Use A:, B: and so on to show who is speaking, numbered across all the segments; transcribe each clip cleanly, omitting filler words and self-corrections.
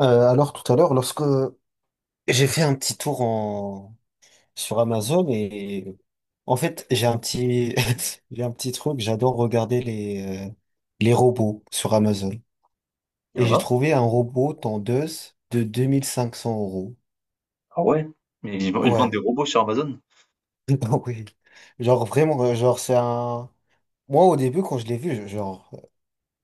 A: Alors tout à l'heure, lorsque j'ai fait un petit tour sur Amazon et en fait j'ai un petit j'ai un petit truc, j'adore regarder les les robots sur Amazon
B: Il y
A: et
B: en
A: j'ai
B: a?
A: trouvé un robot tendeuse de 2500 euros.
B: Ah ouais? Mais ils vendent des
A: Ouais,
B: robots sur Amazon?
A: ah oui, genre vraiment, genre c'est un. Moi au début quand je l'ai vu, genre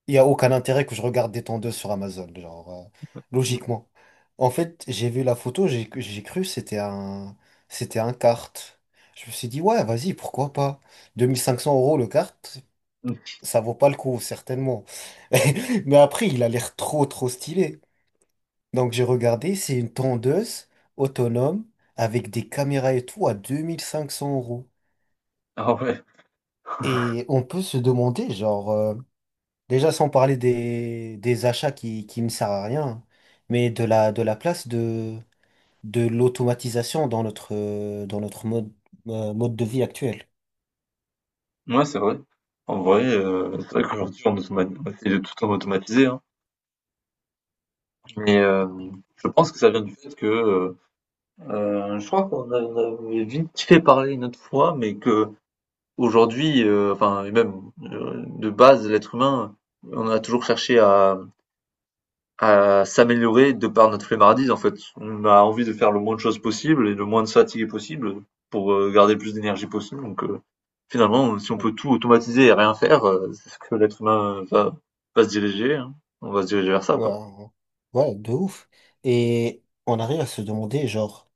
A: il y a aucun intérêt que je regarde des tondeuses sur Amazon, genre, logiquement. En fait, j'ai vu la photo, j'ai cru que c'était un kart. Je me suis dit, ouais, vas-y, pourquoi pas? 2500 euros le kart,
B: Mm.
A: ça vaut pas le coup, certainement. Mais après, il a l'air trop, trop stylé. Donc j'ai regardé, c'est une tondeuse autonome avec des caméras et tout à 2500 euros.
B: Ah ouais,
A: Et on peut se demander, genre, déjà, sans parler des achats qui ne servent à rien, hein, mais de la place de l'automatisation dans notre dans notre mode de vie actuel.
B: ouais c'est vrai. En vrai, c'est vrai qu'aujourd'hui on automatise, est tout en automatisé, hein. Mais je pense que ça vient du fait que je crois on avait vite fait parler une autre fois, mais que aujourd'hui, enfin et même de base, l'être humain, on a toujours cherché à s'améliorer de par notre flemmardise en fait. On a envie de faire le moins de choses possible et le moins de fatigue possible pour garder le plus d'énergie possible. Donc finalement, si on peut tout automatiser et rien faire, c'est ce que l'être humain va se diriger, hein. On va se diriger vers ça,
A: Ouais,
B: quoi.
A: ouais, de ouf. Et on arrive à se demander, genre,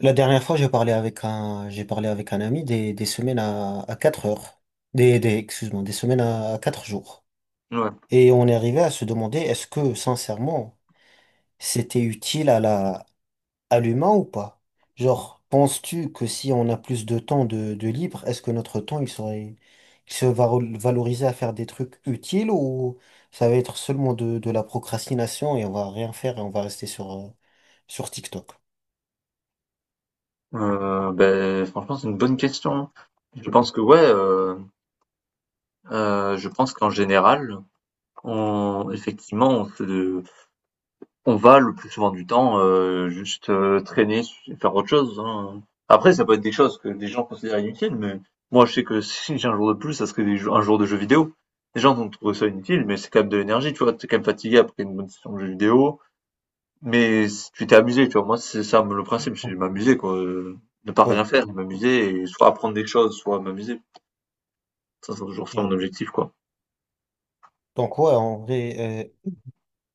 A: la dernière fois, j'ai parlé avec un ami des semaines à 4 heures. Excuse-moi, des semaines à 4 jours.
B: Ouais.
A: Et on est arrivé à se demander, est-ce que, sincèrement, c'était utile à la, allumant ou pas? Genre, penses-tu que si on a plus de temps de libre, est-ce que notre temps il serait, il se va valoriser à faire des trucs utiles ou ça va être seulement de la procrastination et on va rien faire et on va rester sur, sur TikTok?
B: Beh, franchement, c'est une bonne question. Je pense que ouais, je pense qu'en général, on effectivement, on se On va le plus souvent du temps, juste, traîner, faire autre chose, hein. Après ça peut être des choses que des gens considèrent inutiles, mais moi je sais que si j'ai un jour de plus, ça serait des jou un jour de jeu vidéo. Les gens vont trouver ça inutile, mais c'est quand même de l'énergie, tu vois? T'es quand même fatigué après une bonne session de jeu vidéo, mais s tu t'es amusé, tu vois? Moi c'est ça le principe, c'est
A: Ouais,
B: m'amuser quoi, ne pas
A: ouais,
B: rien faire, m'amuser et soit apprendre des choses, soit m'amuser. Ça c'est toujours ça
A: ouais.
B: mon objectif quoi.
A: Donc ouais, en vrai, euh,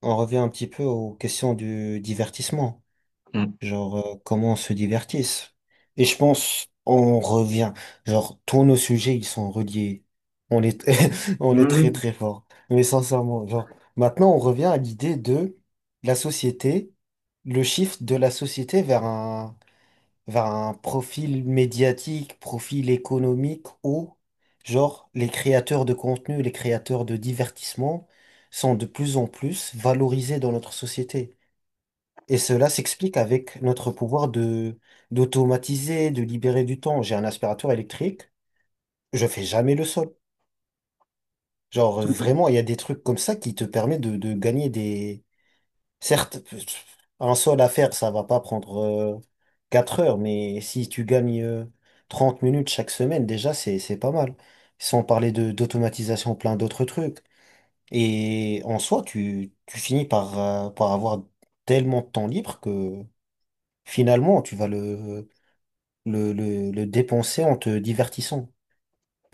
A: on revient un petit peu aux questions du divertissement.
B: Mmh.
A: Genre comment on se divertisse. Et je pense on revient, genre tous nos sujets ils sont reliés. On est on est très
B: Mmh.
A: très fort. Mais sincèrement, genre maintenant on revient à l'idée de la société, le shift de la société vers un profil médiatique, profil économique où genre les créateurs de contenu, les créateurs de divertissement sont de plus en plus valorisés dans notre société. Et cela s'explique avec notre pouvoir de d'automatiser, de libérer du temps. J'ai un aspirateur électrique, je fais jamais le sol. Genre vraiment, il y a des trucs comme ça qui te permettent de gagner certes, un sol à faire, ça va pas prendre 4 heures, mais si tu gagnes 30 minutes chaque semaine, déjà, c'est pas mal. Sans parler de d'automatisation, plein d'autres trucs. Et en soi, tu finis par, par avoir tellement de temps libre que finalement, tu vas le dépenser en te divertissant.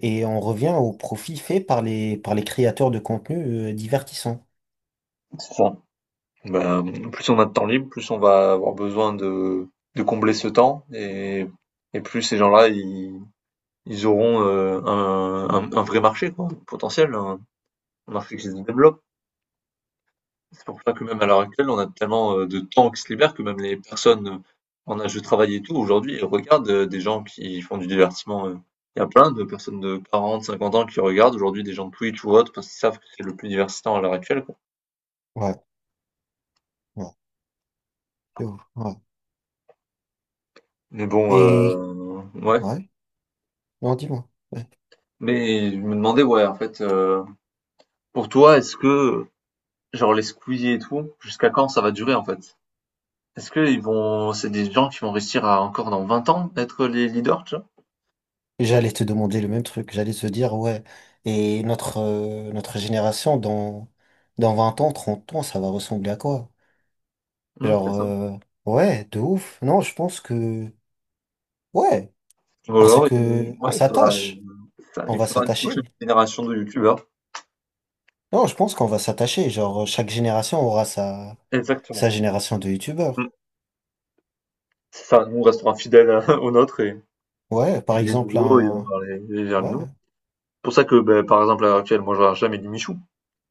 A: Et on revient au profit fait par les créateurs de contenu divertissant.
B: C'est ça. Ben, plus on a de temps libre, plus on va avoir besoin de combler ce temps et plus ces gens-là, ils auront un vrai marché, quoi, potentiel, un marché qui se développe. C'est pour ça que même à l'heure actuelle, on a tellement de temps qui se libère que même les personnes en âge de travail et tout, aujourd'hui, elles regardent des gens qui font du divertissement. Il y a plein de personnes de 40, 50 ans qui regardent aujourd'hui des gens de Twitch ou autres parce qu'ils savent que c'est le plus divertissant à l'heure actuelle, quoi.
A: Ouais, ouais, c'est ouf, ouais.
B: Mais bon,
A: Et,
B: ouais.
A: ouais, non, dis-moi. Ouais.
B: Mais je me demandais, ouais, en fait, pour toi, est-ce que, genre, les squeezies et tout, jusqu'à quand ça va durer, en fait? Est-ce que ils vont c'est des gens qui vont réussir à, encore dans 20 ans, être les leaders, tu vois?
A: J'allais te demander le même truc. J'allais te dire, ouais, et notre, notre génération, dans, dans 20 ans, 30 ans, ça va ressembler à quoi?
B: Mmh, c'est
A: Genre,
B: ça.
A: ouais, de ouf. Non, je pense que, ouais,
B: Ou
A: parce
B: alors il
A: que on
B: ouais, il faudra
A: s'attache.
B: ça,
A: On
B: il
A: va
B: faudra une prochaine
A: s'attacher.
B: génération de youtubeurs.
A: Non, je pense qu'on va s'attacher. Genre, chaque génération aura sa, sa
B: Exactement.
A: génération de youtubeurs.
B: Mmh. C'est ça, nous on restera fidèles aux nôtres et
A: Ouais, par
B: les
A: exemple,
B: nouveaux et on
A: un...
B: va les vers les
A: Ouais.
B: nouveaux. C'est pour ça que, ben par exemple, à l'heure actuelle, moi je regarde jamais les Michou,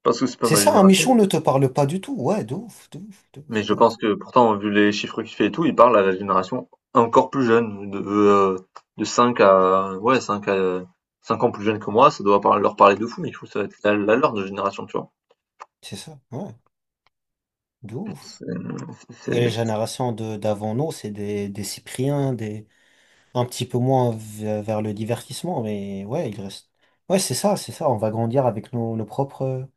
B: parce que c'est pas
A: C'est
B: ma
A: ça, un
B: génération.
A: Michon ne te parle pas du tout. Ouais, de ouf, de ouf, de
B: Mais
A: ouf,
B: je
A: de ouf.
B: pense que pourtant, vu les chiffres qu'il fait et tout, il parle à la génération encore plus jeune, de 5 à, ouais, 5 à, 5 ans plus jeune que moi, ça doit leur parler de fou, mais il faut que ça va être la leur de génération, tu vois.
A: C'est ça, ouais, de ouf.
B: C'est- c'est-
A: Et les
B: c'est-
A: générations de d'avant nous, c'est des Cypriens, des... un petit peu moins vers le divertissement, mais ouais, il reste... Ouais, c'est ça, on va grandir avec nos, nos propres...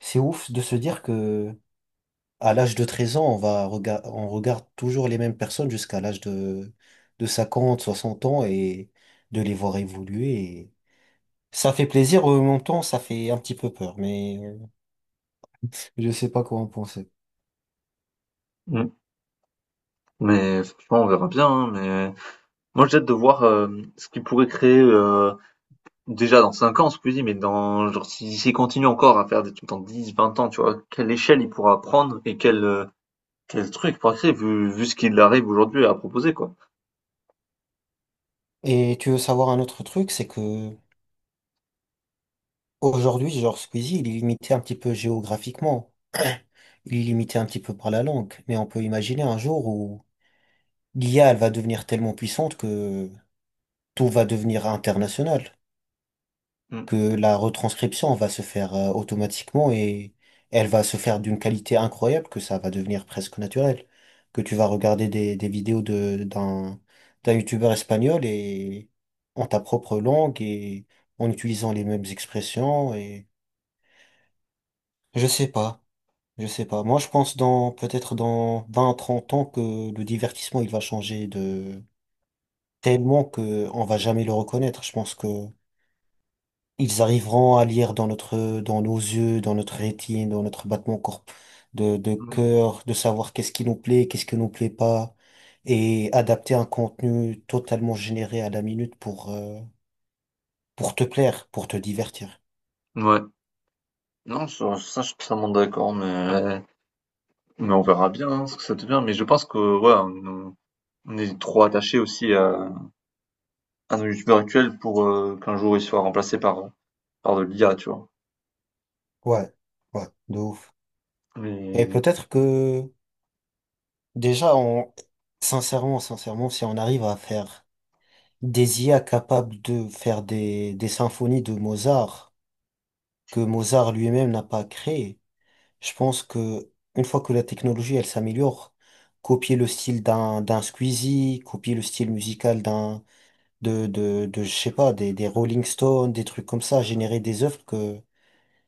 A: C'est ouf de se dire que à l'âge de 13 ans, on regarde toujours les mêmes personnes jusqu'à l'âge de 50 60 ans et de les voir évoluer. Ça fait plaisir, en même temps, ça fait un petit peu peur, mais je sais pas quoi en penser.
B: Mm. Mais franchement, on verra bien, hein, mais moi j'ai hâte de voir ce qu'il pourrait créer déjà dans 5 ans, Squeezie, mais dans, genre, s'il continue encore à faire des trucs dans 10 20 ans, tu vois, quelle échelle il pourra prendre et quel truc il pourra créer, vu ce qu'il arrive aujourd'hui à proposer, quoi.
A: Et tu veux savoir un autre truc, c'est que aujourd'hui, genre Squeezie, il est limité un petit peu géographiquement, il est limité un petit peu par la langue, mais on peut imaginer un jour où l'IA, elle va devenir tellement puissante que tout va devenir international. Que la retranscription va se faire automatiquement et elle va se faire d'une qualité incroyable que ça va devenir presque naturel. Que tu vas regarder des vidéos d'un youtubeur espagnol et en ta propre langue et en utilisant les mêmes expressions et je sais pas, je sais pas. Moi, je pense dans, peut-être dans 20 30 ans que le divertissement, il va changer de tellement que on va jamais le reconnaître. Je pense que ils arriveront à lire dans notre, dans nos yeux, dans notre rétine, dans notre battement corp de
B: Mm.
A: cœur, de savoir qu'est-ce qui nous plaît, qu'est-ce qui nous plaît pas, et adapter un contenu totalement généré à la minute pour te plaire, pour te divertir.
B: Ouais. Non, je suis totalement d'accord, mais on verra bien hein, ce que ça devient. Mais je pense que ouais, on est trop attaché aussi à nos youtubeurs actuels pour qu'un jour ils soient remplacés par de l'IA, tu vois.
A: Ouais, ouais, de ouf. Et
B: Mais
A: peut-être que, déjà, on, sincèrement, sincèrement, si on arrive à faire des IA capables de faire des symphonies de Mozart, que Mozart lui-même n'a pas créées, je pense que une fois que la technologie elle s'améliore, copier le style d'un Squeezie, copier le style musical d'un de je sais pas des Rolling Stones, des trucs comme ça, générer des œuvres que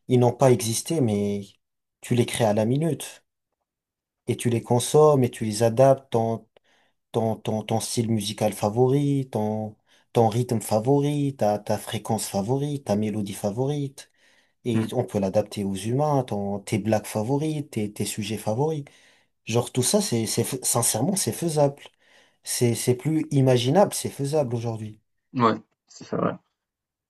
A: ils n'ont pas existé mais tu les crées à la minute et tu les consommes et tu les adaptes ton ton style musical favori, ton rythme favori, ta fréquence favorite, ta mélodie favorite et
B: Hmm.
A: on peut l'adapter aux humains, ton tes blagues favorites, tes sujets favoris. Genre tout ça, c'est, sincèrement, c'est faisable. C'est plus imaginable, c'est faisable aujourd'hui.
B: Ouais, c'est ça, ouais.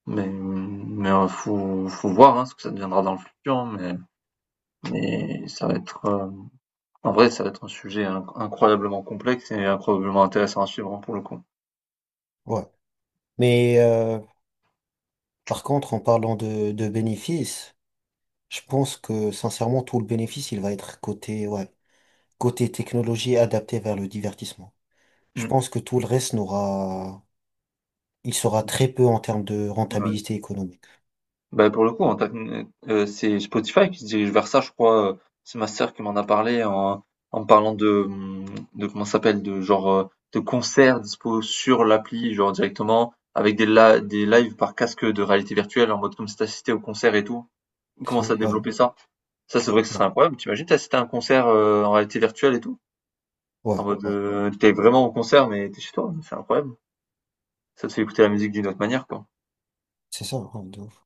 B: Mais faut voir hein, ce que ça deviendra dans le futur, hein, mais ça va être en vrai, ça va être un sujet incroyablement complexe et incroyablement intéressant à suivre hein, pour le coup.
A: Ouais. Mais par contre, en parlant de bénéfices, je pense que sincèrement, tout le bénéfice, il va être côté, ouais, côté technologie adaptée vers le divertissement. Je
B: Hmm.
A: pense que tout le reste n'aura, il sera très peu en termes de
B: Ouais.
A: rentabilité économique.
B: Bah, pour le coup, c'est Spotify qui se dirige vers ça, je crois. C'est ma sœur qui m'en a parlé en parlant de comment ça s'appelle, de genre de concerts dispo sur l'appli, genre directement, avec des lives par casque de réalité virtuelle, en mode comme si t'assistais au concert et tout.
A: C'est,
B: Commence à
A: ouais,
B: développer ça. Ça, c'est vrai que ce serait
A: ouais,
B: incroyable. T'imagines t'assister à un concert en réalité virtuelle et tout?
A: ouais,
B: En mode,
A: ouais.
B: t'es vraiment au concert, mais t'es chez toi. C'est incroyable. Ça te fait écouter la musique d'une autre manière, quoi.
A: C'est ça, hein, de ouf.